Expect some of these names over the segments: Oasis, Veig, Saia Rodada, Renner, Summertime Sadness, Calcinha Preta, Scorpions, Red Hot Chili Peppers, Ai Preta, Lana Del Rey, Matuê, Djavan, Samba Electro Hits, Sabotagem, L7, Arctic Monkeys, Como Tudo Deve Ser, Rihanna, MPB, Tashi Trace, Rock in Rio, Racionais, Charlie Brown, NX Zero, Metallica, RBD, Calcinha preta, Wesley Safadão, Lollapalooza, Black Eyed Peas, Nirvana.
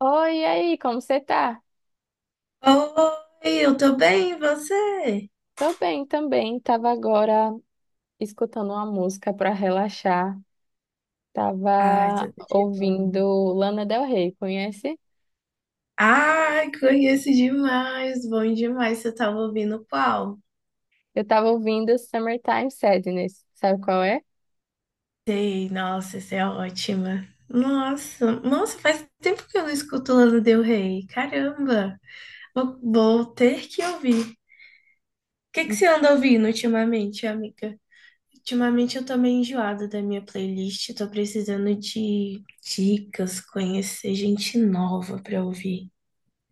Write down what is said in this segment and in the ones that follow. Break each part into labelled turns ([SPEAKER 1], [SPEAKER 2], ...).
[SPEAKER 1] Oi, e aí, como você tá?
[SPEAKER 2] Oi, eu tô bem, e você?
[SPEAKER 1] Tô bem também. Tava agora escutando uma música pra relaxar.
[SPEAKER 2] Ai, tudo
[SPEAKER 1] Tava
[SPEAKER 2] de bom.
[SPEAKER 1] ouvindo Lana Del Rey, conhece?
[SPEAKER 2] Ai, conheço demais, bom demais. Você tava ouvindo qual?
[SPEAKER 1] Eu tava ouvindo Summertime Sadness. Sabe qual é?
[SPEAKER 2] Sei, nossa, isso é ótima. Nossa, faz tempo que eu não escuto Lana Del Rey. Caramba, vou ter que ouvir. O que que você anda ouvindo ultimamente, amiga? Ultimamente eu tô meio enjoada da minha playlist, tô precisando de dicas, conhecer gente nova pra ouvir.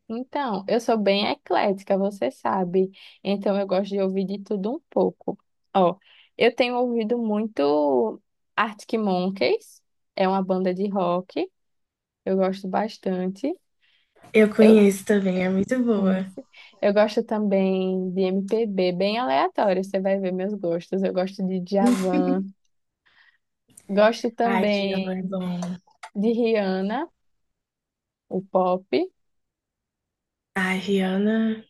[SPEAKER 1] Então, eu sou bem eclética, você sabe. Então, eu gosto de ouvir de tudo um pouco. Ó, eu tenho ouvido muito Arctic Monkeys, é uma banda de rock, eu gosto bastante.
[SPEAKER 2] Eu
[SPEAKER 1] Eu,
[SPEAKER 2] conheço também, é muito boa.
[SPEAKER 1] Isso. Eu gosto também de MPB, bem aleatório, você vai ver meus gostos. Eu gosto de Djavan, gosto
[SPEAKER 2] Ai,
[SPEAKER 1] também
[SPEAKER 2] Djavan é bom.
[SPEAKER 1] de Rihanna, o pop.
[SPEAKER 2] Ai, Rihanna,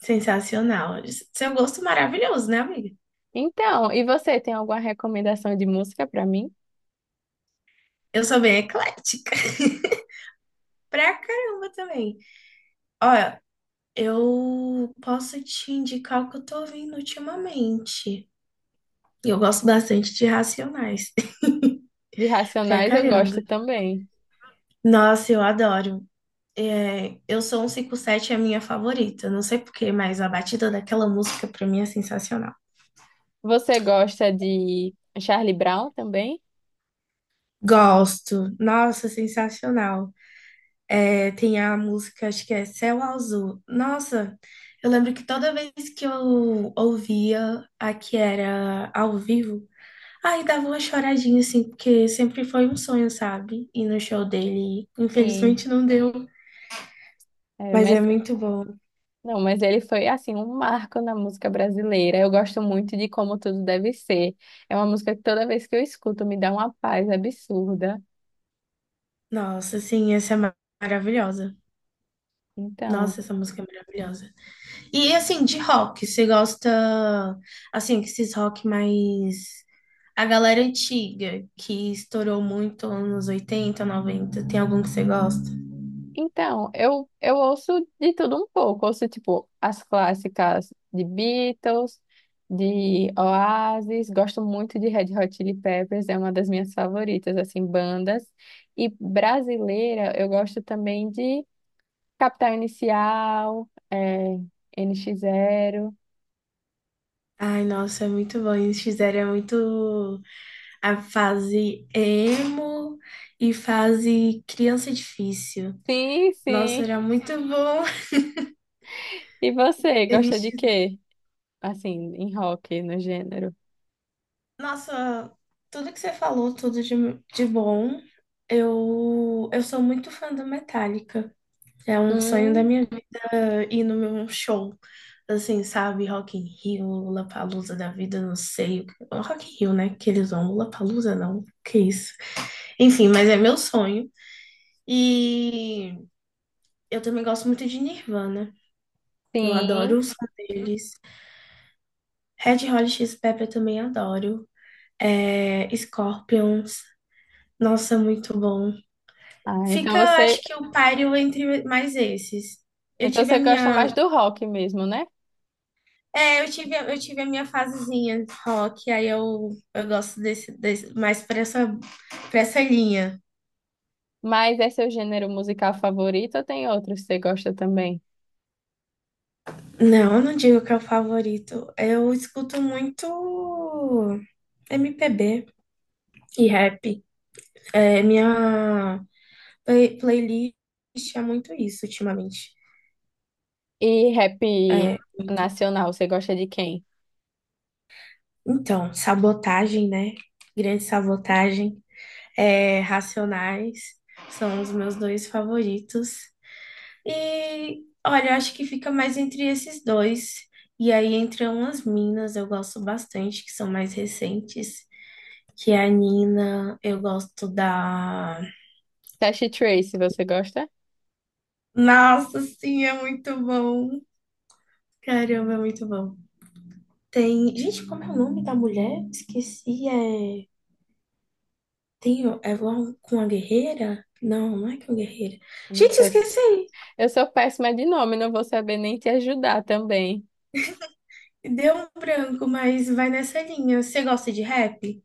[SPEAKER 2] sensacional. Seu gosto maravilhoso, né, amiga?
[SPEAKER 1] Então, e você tem alguma recomendação de música para mim?
[SPEAKER 2] Eu sou bem eclética. Pra caramba também. Olha, eu posso te indicar o que eu tô ouvindo ultimamente. E eu gosto bastante de Racionais.
[SPEAKER 1] De
[SPEAKER 2] Pra
[SPEAKER 1] Racionais eu
[SPEAKER 2] caramba.
[SPEAKER 1] gosto também.
[SPEAKER 2] Nossa, eu adoro. É, eu sou um 57 é a minha favorita. Não sei por quê, mas a batida daquela música pra mim é sensacional.
[SPEAKER 1] Você gosta de Charlie Brown também?
[SPEAKER 2] Gosto. Nossa, sensacional. É, tem a música, acho que é Céu Azul. Nossa, eu lembro que toda vez que eu ouvia a que era ao vivo, aí dava uma choradinha, assim, porque sempre foi um sonho, sabe? Ir no show dele.
[SPEAKER 1] Sim.
[SPEAKER 2] Infelizmente não deu,
[SPEAKER 1] É,
[SPEAKER 2] mas
[SPEAKER 1] mas
[SPEAKER 2] é muito bom.
[SPEAKER 1] não, mas ele foi assim um marco na música brasileira. Eu gosto muito de Como Tudo Deve Ser. É uma música que toda vez que eu escuto me dá uma paz absurda.
[SPEAKER 2] Nossa, assim, essa é maravilhosa. Nossa,
[SPEAKER 1] Então,
[SPEAKER 2] essa música é maravilhosa. E assim, de rock, você gosta, assim, que esses rock mais. A galera antiga, que estourou muito anos 80, 90, tem algum que você gosta?
[SPEAKER 1] então, eu ouço de tudo um pouco. Ouço, tipo, as clássicas de Beatles, de Oasis. Gosto muito de Red Hot Chili Peppers, é uma das minhas favoritas, assim, bandas. E brasileira, eu gosto também de Capital Inicial, é, N NX Zero.
[SPEAKER 2] Ai, nossa, é muito bom. Eles fizeram é muito a fase emo e fase criança difícil.
[SPEAKER 1] Sim,
[SPEAKER 2] Nossa,
[SPEAKER 1] sim.
[SPEAKER 2] era muito bom.
[SPEAKER 1] E você, gosta
[SPEAKER 2] Eles
[SPEAKER 1] de quê? Assim, em rock, no gênero?
[SPEAKER 2] Nossa, tudo que você falou, tudo de bom. Eu sou muito fã do Metallica. É um sonho da
[SPEAKER 1] Hum,
[SPEAKER 2] minha vida ir no meu show. Assim, sabe? Rock in Rio, Lollapalooza da vida, não sei. Rock in Rio, né? Que eles vão. Lollapalooza, não. Que isso. Enfim, mas é meu sonho. E eu também gosto muito de Nirvana. Eu
[SPEAKER 1] sim.
[SPEAKER 2] adoro o som deles. Red Hot Chili Peppers também adoro. É, Scorpions. Nossa, muito bom.
[SPEAKER 1] Ah, então
[SPEAKER 2] Fica,
[SPEAKER 1] você
[SPEAKER 2] acho que o páreo entre mais esses. Eu
[SPEAKER 1] Então
[SPEAKER 2] tive a
[SPEAKER 1] você gosta mais
[SPEAKER 2] minha,
[SPEAKER 1] do rock mesmo, né?
[SPEAKER 2] é, eu tive a minha fasezinha de rock, aí eu gosto desse mais para essa linha.
[SPEAKER 1] Mas é seu gênero musical favorito ou tem outros que você gosta também?
[SPEAKER 2] Não, eu não digo que é o favorito. Eu escuto muito MPB e rap. É, minha playlist é muito isso ultimamente.
[SPEAKER 1] E rap
[SPEAKER 2] É, muito.
[SPEAKER 1] nacional, você gosta de quem?
[SPEAKER 2] Então, sabotagem, né? Grande sabotagem. É, Racionais são os meus dois favoritos. E olha, eu acho que fica mais entre esses dois. E aí, entre umas minas, eu gosto bastante, que são mais recentes. Que é a Nina, eu gosto da.
[SPEAKER 1] Tashi Trace, você gosta?
[SPEAKER 2] Nossa, sim, é muito bom. Caramba, é muito bom. Tem. Gente, como é o nome da mulher? Esqueci. É. Tem. É igual com a guerreira? Não, não é com a guerreira. Gente,
[SPEAKER 1] Eu,
[SPEAKER 2] esqueci.
[SPEAKER 1] eu sou péssima de nome, não vou saber nem te ajudar também.
[SPEAKER 2] Deu um branco, mas vai nessa linha. Você gosta de rap?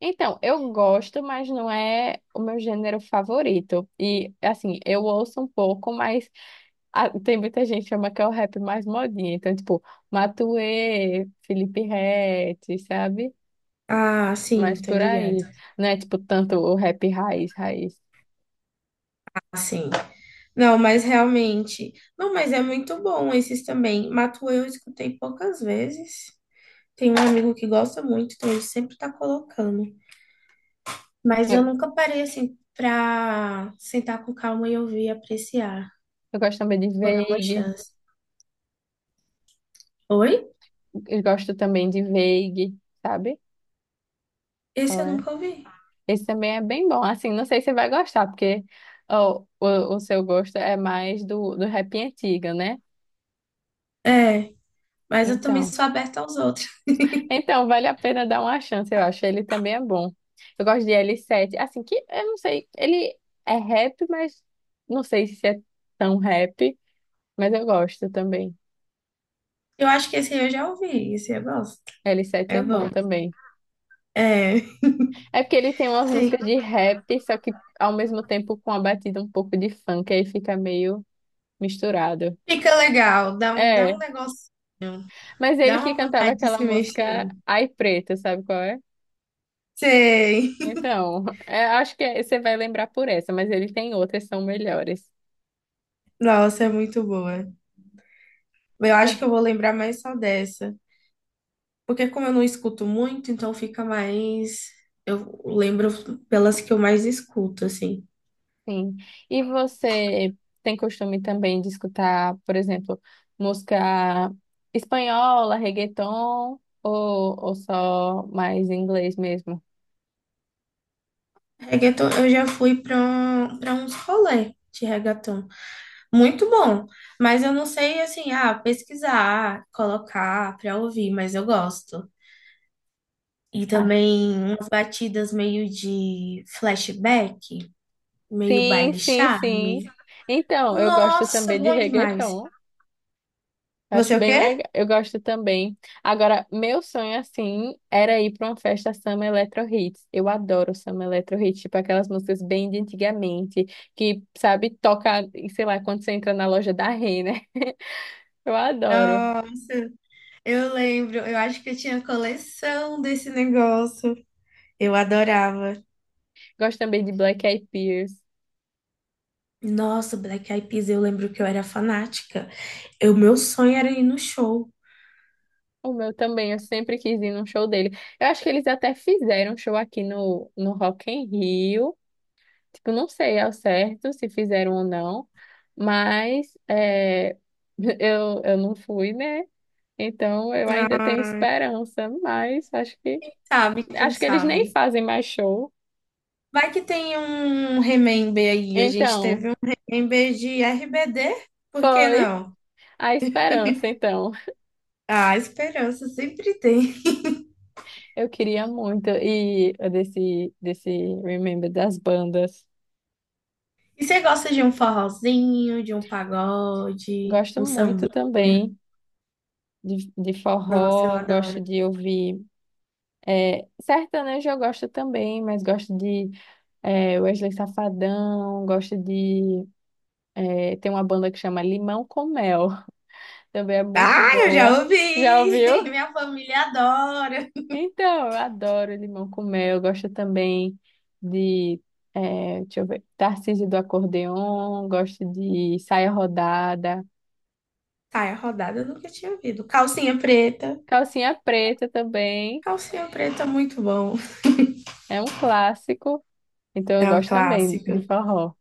[SPEAKER 1] Então, eu gosto, mas não é o meu gênero favorito. E, assim, eu ouço um pouco, mas ah, tem muita gente que chama que é o rap mais modinha. Então, tipo, Matuê, Felipe Ret, sabe?
[SPEAKER 2] Ah, sim,
[SPEAKER 1] Mas
[SPEAKER 2] tô
[SPEAKER 1] por
[SPEAKER 2] ligado.
[SPEAKER 1] aí. Não é, tipo, tanto o rap raiz, raiz.
[SPEAKER 2] Sim. Não, mas realmente. Não, mas é muito bom esses também. Matuê eu escutei poucas vezes. Tem um amigo que gosta muito, então ele sempre tá colocando. Mas eu
[SPEAKER 1] Eu,
[SPEAKER 2] nunca parei assim pra sentar com calma e ouvir e apreciar.
[SPEAKER 1] eu gosto também de
[SPEAKER 2] Vou dar uma
[SPEAKER 1] Veig.
[SPEAKER 2] chance. Oi?
[SPEAKER 1] Eu gosto também de Veig, sabe?
[SPEAKER 2] Esse
[SPEAKER 1] Qual
[SPEAKER 2] eu
[SPEAKER 1] é?
[SPEAKER 2] nunca ouvi.
[SPEAKER 1] Esse também é bem bom. Assim, não sei se você vai gostar, porque ó, o seu gosto é mais do rap antigo, né?
[SPEAKER 2] É, mas eu também
[SPEAKER 1] Então,
[SPEAKER 2] sou aberta aos outros.
[SPEAKER 1] então, vale a pena dar uma chance, eu acho. Ele também é bom. Eu gosto de L7, assim que eu não sei, ele é rap, mas não sei se é tão rap, mas eu gosto também.
[SPEAKER 2] Eu acho que esse aí eu já ouvi, esse eu gosto.
[SPEAKER 1] L7
[SPEAKER 2] É
[SPEAKER 1] é bom
[SPEAKER 2] bom.
[SPEAKER 1] também.
[SPEAKER 2] É.
[SPEAKER 1] É porque ele tem umas
[SPEAKER 2] Sim.
[SPEAKER 1] músicas de rap, só que ao mesmo tempo com a batida um pouco de funk, aí fica meio misturado.
[SPEAKER 2] Fica legal, dá um, dá
[SPEAKER 1] É,
[SPEAKER 2] um negocinho,
[SPEAKER 1] mas ele
[SPEAKER 2] dá
[SPEAKER 1] que
[SPEAKER 2] uma
[SPEAKER 1] cantava
[SPEAKER 2] vontade de
[SPEAKER 1] aquela
[SPEAKER 2] se
[SPEAKER 1] música
[SPEAKER 2] mexer.
[SPEAKER 1] Ai Preta, sabe qual é?
[SPEAKER 2] Sei.
[SPEAKER 1] Então, é, acho que você vai lembrar por essa, mas ele tem outras que são melhores.
[SPEAKER 2] Nossa, é muito boa. Eu acho que eu vou lembrar mais só dessa. Porque como eu não escuto muito, então fica mais. Eu lembro pelas que eu mais escuto, assim.
[SPEAKER 1] Sim. E você tem costume também de escutar, por exemplo, música espanhola, reggaeton, ou só mais inglês mesmo?
[SPEAKER 2] Reggaeton, eu já fui para uns rolê de reggaeton. Muito bom. Mas eu não sei, assim, ah, pesquisar, colocar para ouvir, mas eu gosto. E
[SPEAKER 1] Ah,
[SPEAKER 2] também umas batidas meio de flashback, meio
[SPEAKER 1] sim,
[SPEAKER 2] baile
[SPEAKER 1] sim, sim.
[SPEAKER 2] charme.
[SPEAKER 1] Então, eu gosto
[SPEAKER 2] Nossa,
[SPEAKER 1] também de
[SPEAKER 2] bom demais.
[SPEAKER 1] reggaeton. Acho
[SPEAKER 2] Você o
[SPEAKER 1] bem
[SPEAKER 2] quê?
[SPEAKER 1] legal. Eu gosto também. Agora, meu sonho, assim, era ir para uma festa Samba Electro Hits. Eu adoro Samba Electro Hits, tipo aquelas músicas bem de antigamente, que, sabe, toca, sei lá, quando você entra na loja da Renner. Eu adoro.
[SPEAKER 2] Nossa, eu lembro. Eu acho que eu tinha coleção desse negócio. Eu adorava.
[SPEAKER 1] Gosto também de Black Eyed Peas.
[SPEAKER 2] Nossa, Black Eyed Peas, eu lembro que eu era fanática. O meu sonho era ir no show.
[SPEAKER 1] O meu também, eu sempre quis ir num show dele. Eu acho que eles até fizeram um show aqui no Rock in Rio. Tipo, não sei ao certo se fizeram ou não, mas é, eu não fui, né? Então eu ainda tenho
[SPEAKER 2] Ah,
[SPEAKER 1] esperança, mas acho que
[SPEAKER 2] sabe, quem
[SPEAKER 1] acho que eles nem
[SPEAKER 2] sabe?
[SPEAKER 1] fazem mais show.
[SPEAKER 2] Vai que tem um remember aí. A gente
[SPEAKER 1] Então,
[SPEAKER 2] teve um remember de RBD, por que
[SPEAKER 1] foi
[SPEAKER 2] não?
[SPEAKER 1] a esperança, então.
[SPEAKER 2] Ah, esperança sempre tem.
[SPEAKER 1] Eu queria muito e desse Remember das bandas.
[SPEAKER 2] E você gosta de um forrozinho, de um pagode,
[SPEAKER 1] Gosto
[SPEAKER 2] um samba?
[SPEAKER 1] muito também de
[SPEAKER 2] Nossa, eu
[SPEAKER 1] forró, gosto
[SPEAKER 2] adoro.
[SPEAKER 1] de ouvir. É, sertanejo eu gosto também, mas gosto de é, Wesley Safadão, gosto de. É, tem uma banda que chama Limão com Mel, também é muito
[SPEAKER 2] Ah, eu já
[SPEAKER 1] boa.
[SPEAKER 2] ouvi!
[SPEAKER 1] Já ouviu?
[SPEAKER 2] Minha família adora.
[SPEAKER 1] Então, eu adoro Limão com Mel, gosto também de. É, deixa eu ver, Tarcísio do Acordeon, gosto de Saia Rodada,
[SPEAKER 2] Tá, é rodada eu nunca tinha ouvido. Calcinha preta.
[SPEAKER 1] Calcinha Preta também,
[SPEAKER 2] Calcinha preta, é muito bom.
[SPEAKER 1] é um clássico. Então eu
[SPEAKER 2] É um
[SPEAKER 1] gosto também de
[SPEAKER 2] clássico.
[SPEAKER 1] forró.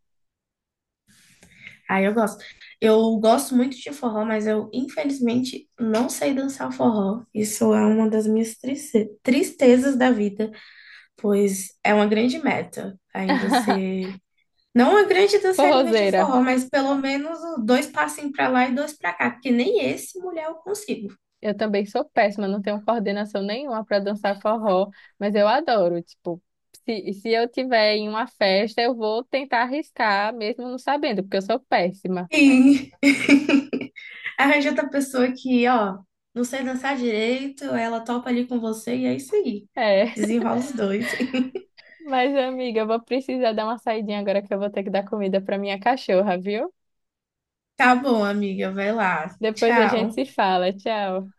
[SPEAKER 2] Ah, eu gosto. Eu gosto muito de forró, mas eu, infelizmente, não sei dançar forró. Isso é uma das minhas tristezas da vida, pois é uma grande meta ainda ser. Não uma grande dançarina de
[SPEAKER 1] Forrozeira.
[SPEAKER 2] forró, mas pelo menos dois passinhos pra lá e dois pra cá, porque nem esse mulher eu consigo.
[SPEAKER 1] Eu também sou péssima, não tenho coordenação nenhuma para dançar forró, mas eu adoro. Tipo, se eu tiver em uma festa, eu vou tentar arriscar, mesmo não sabendo, porque eu sou péssima.
[SPEAKER 2] E arranja outra pessoa que, ó, não sei dançar direito, ela topa ali com você e é isso aí.
[SPEAKER 1] É,
[SPEAKER 2] Desenrola os dois.
[SPEAKER 1] mas amiga, eu vou precisar dar uma saidinha agora que eu vou ter que dar comida para minha cachorra, viu?
[SPEAKER 2] Tá bom, amiga, vai lá.
[SPEAKER 1] Depois a gente
[SPEAKER 2] Tchau.
[SPEAKER 1] se fala. Tchau.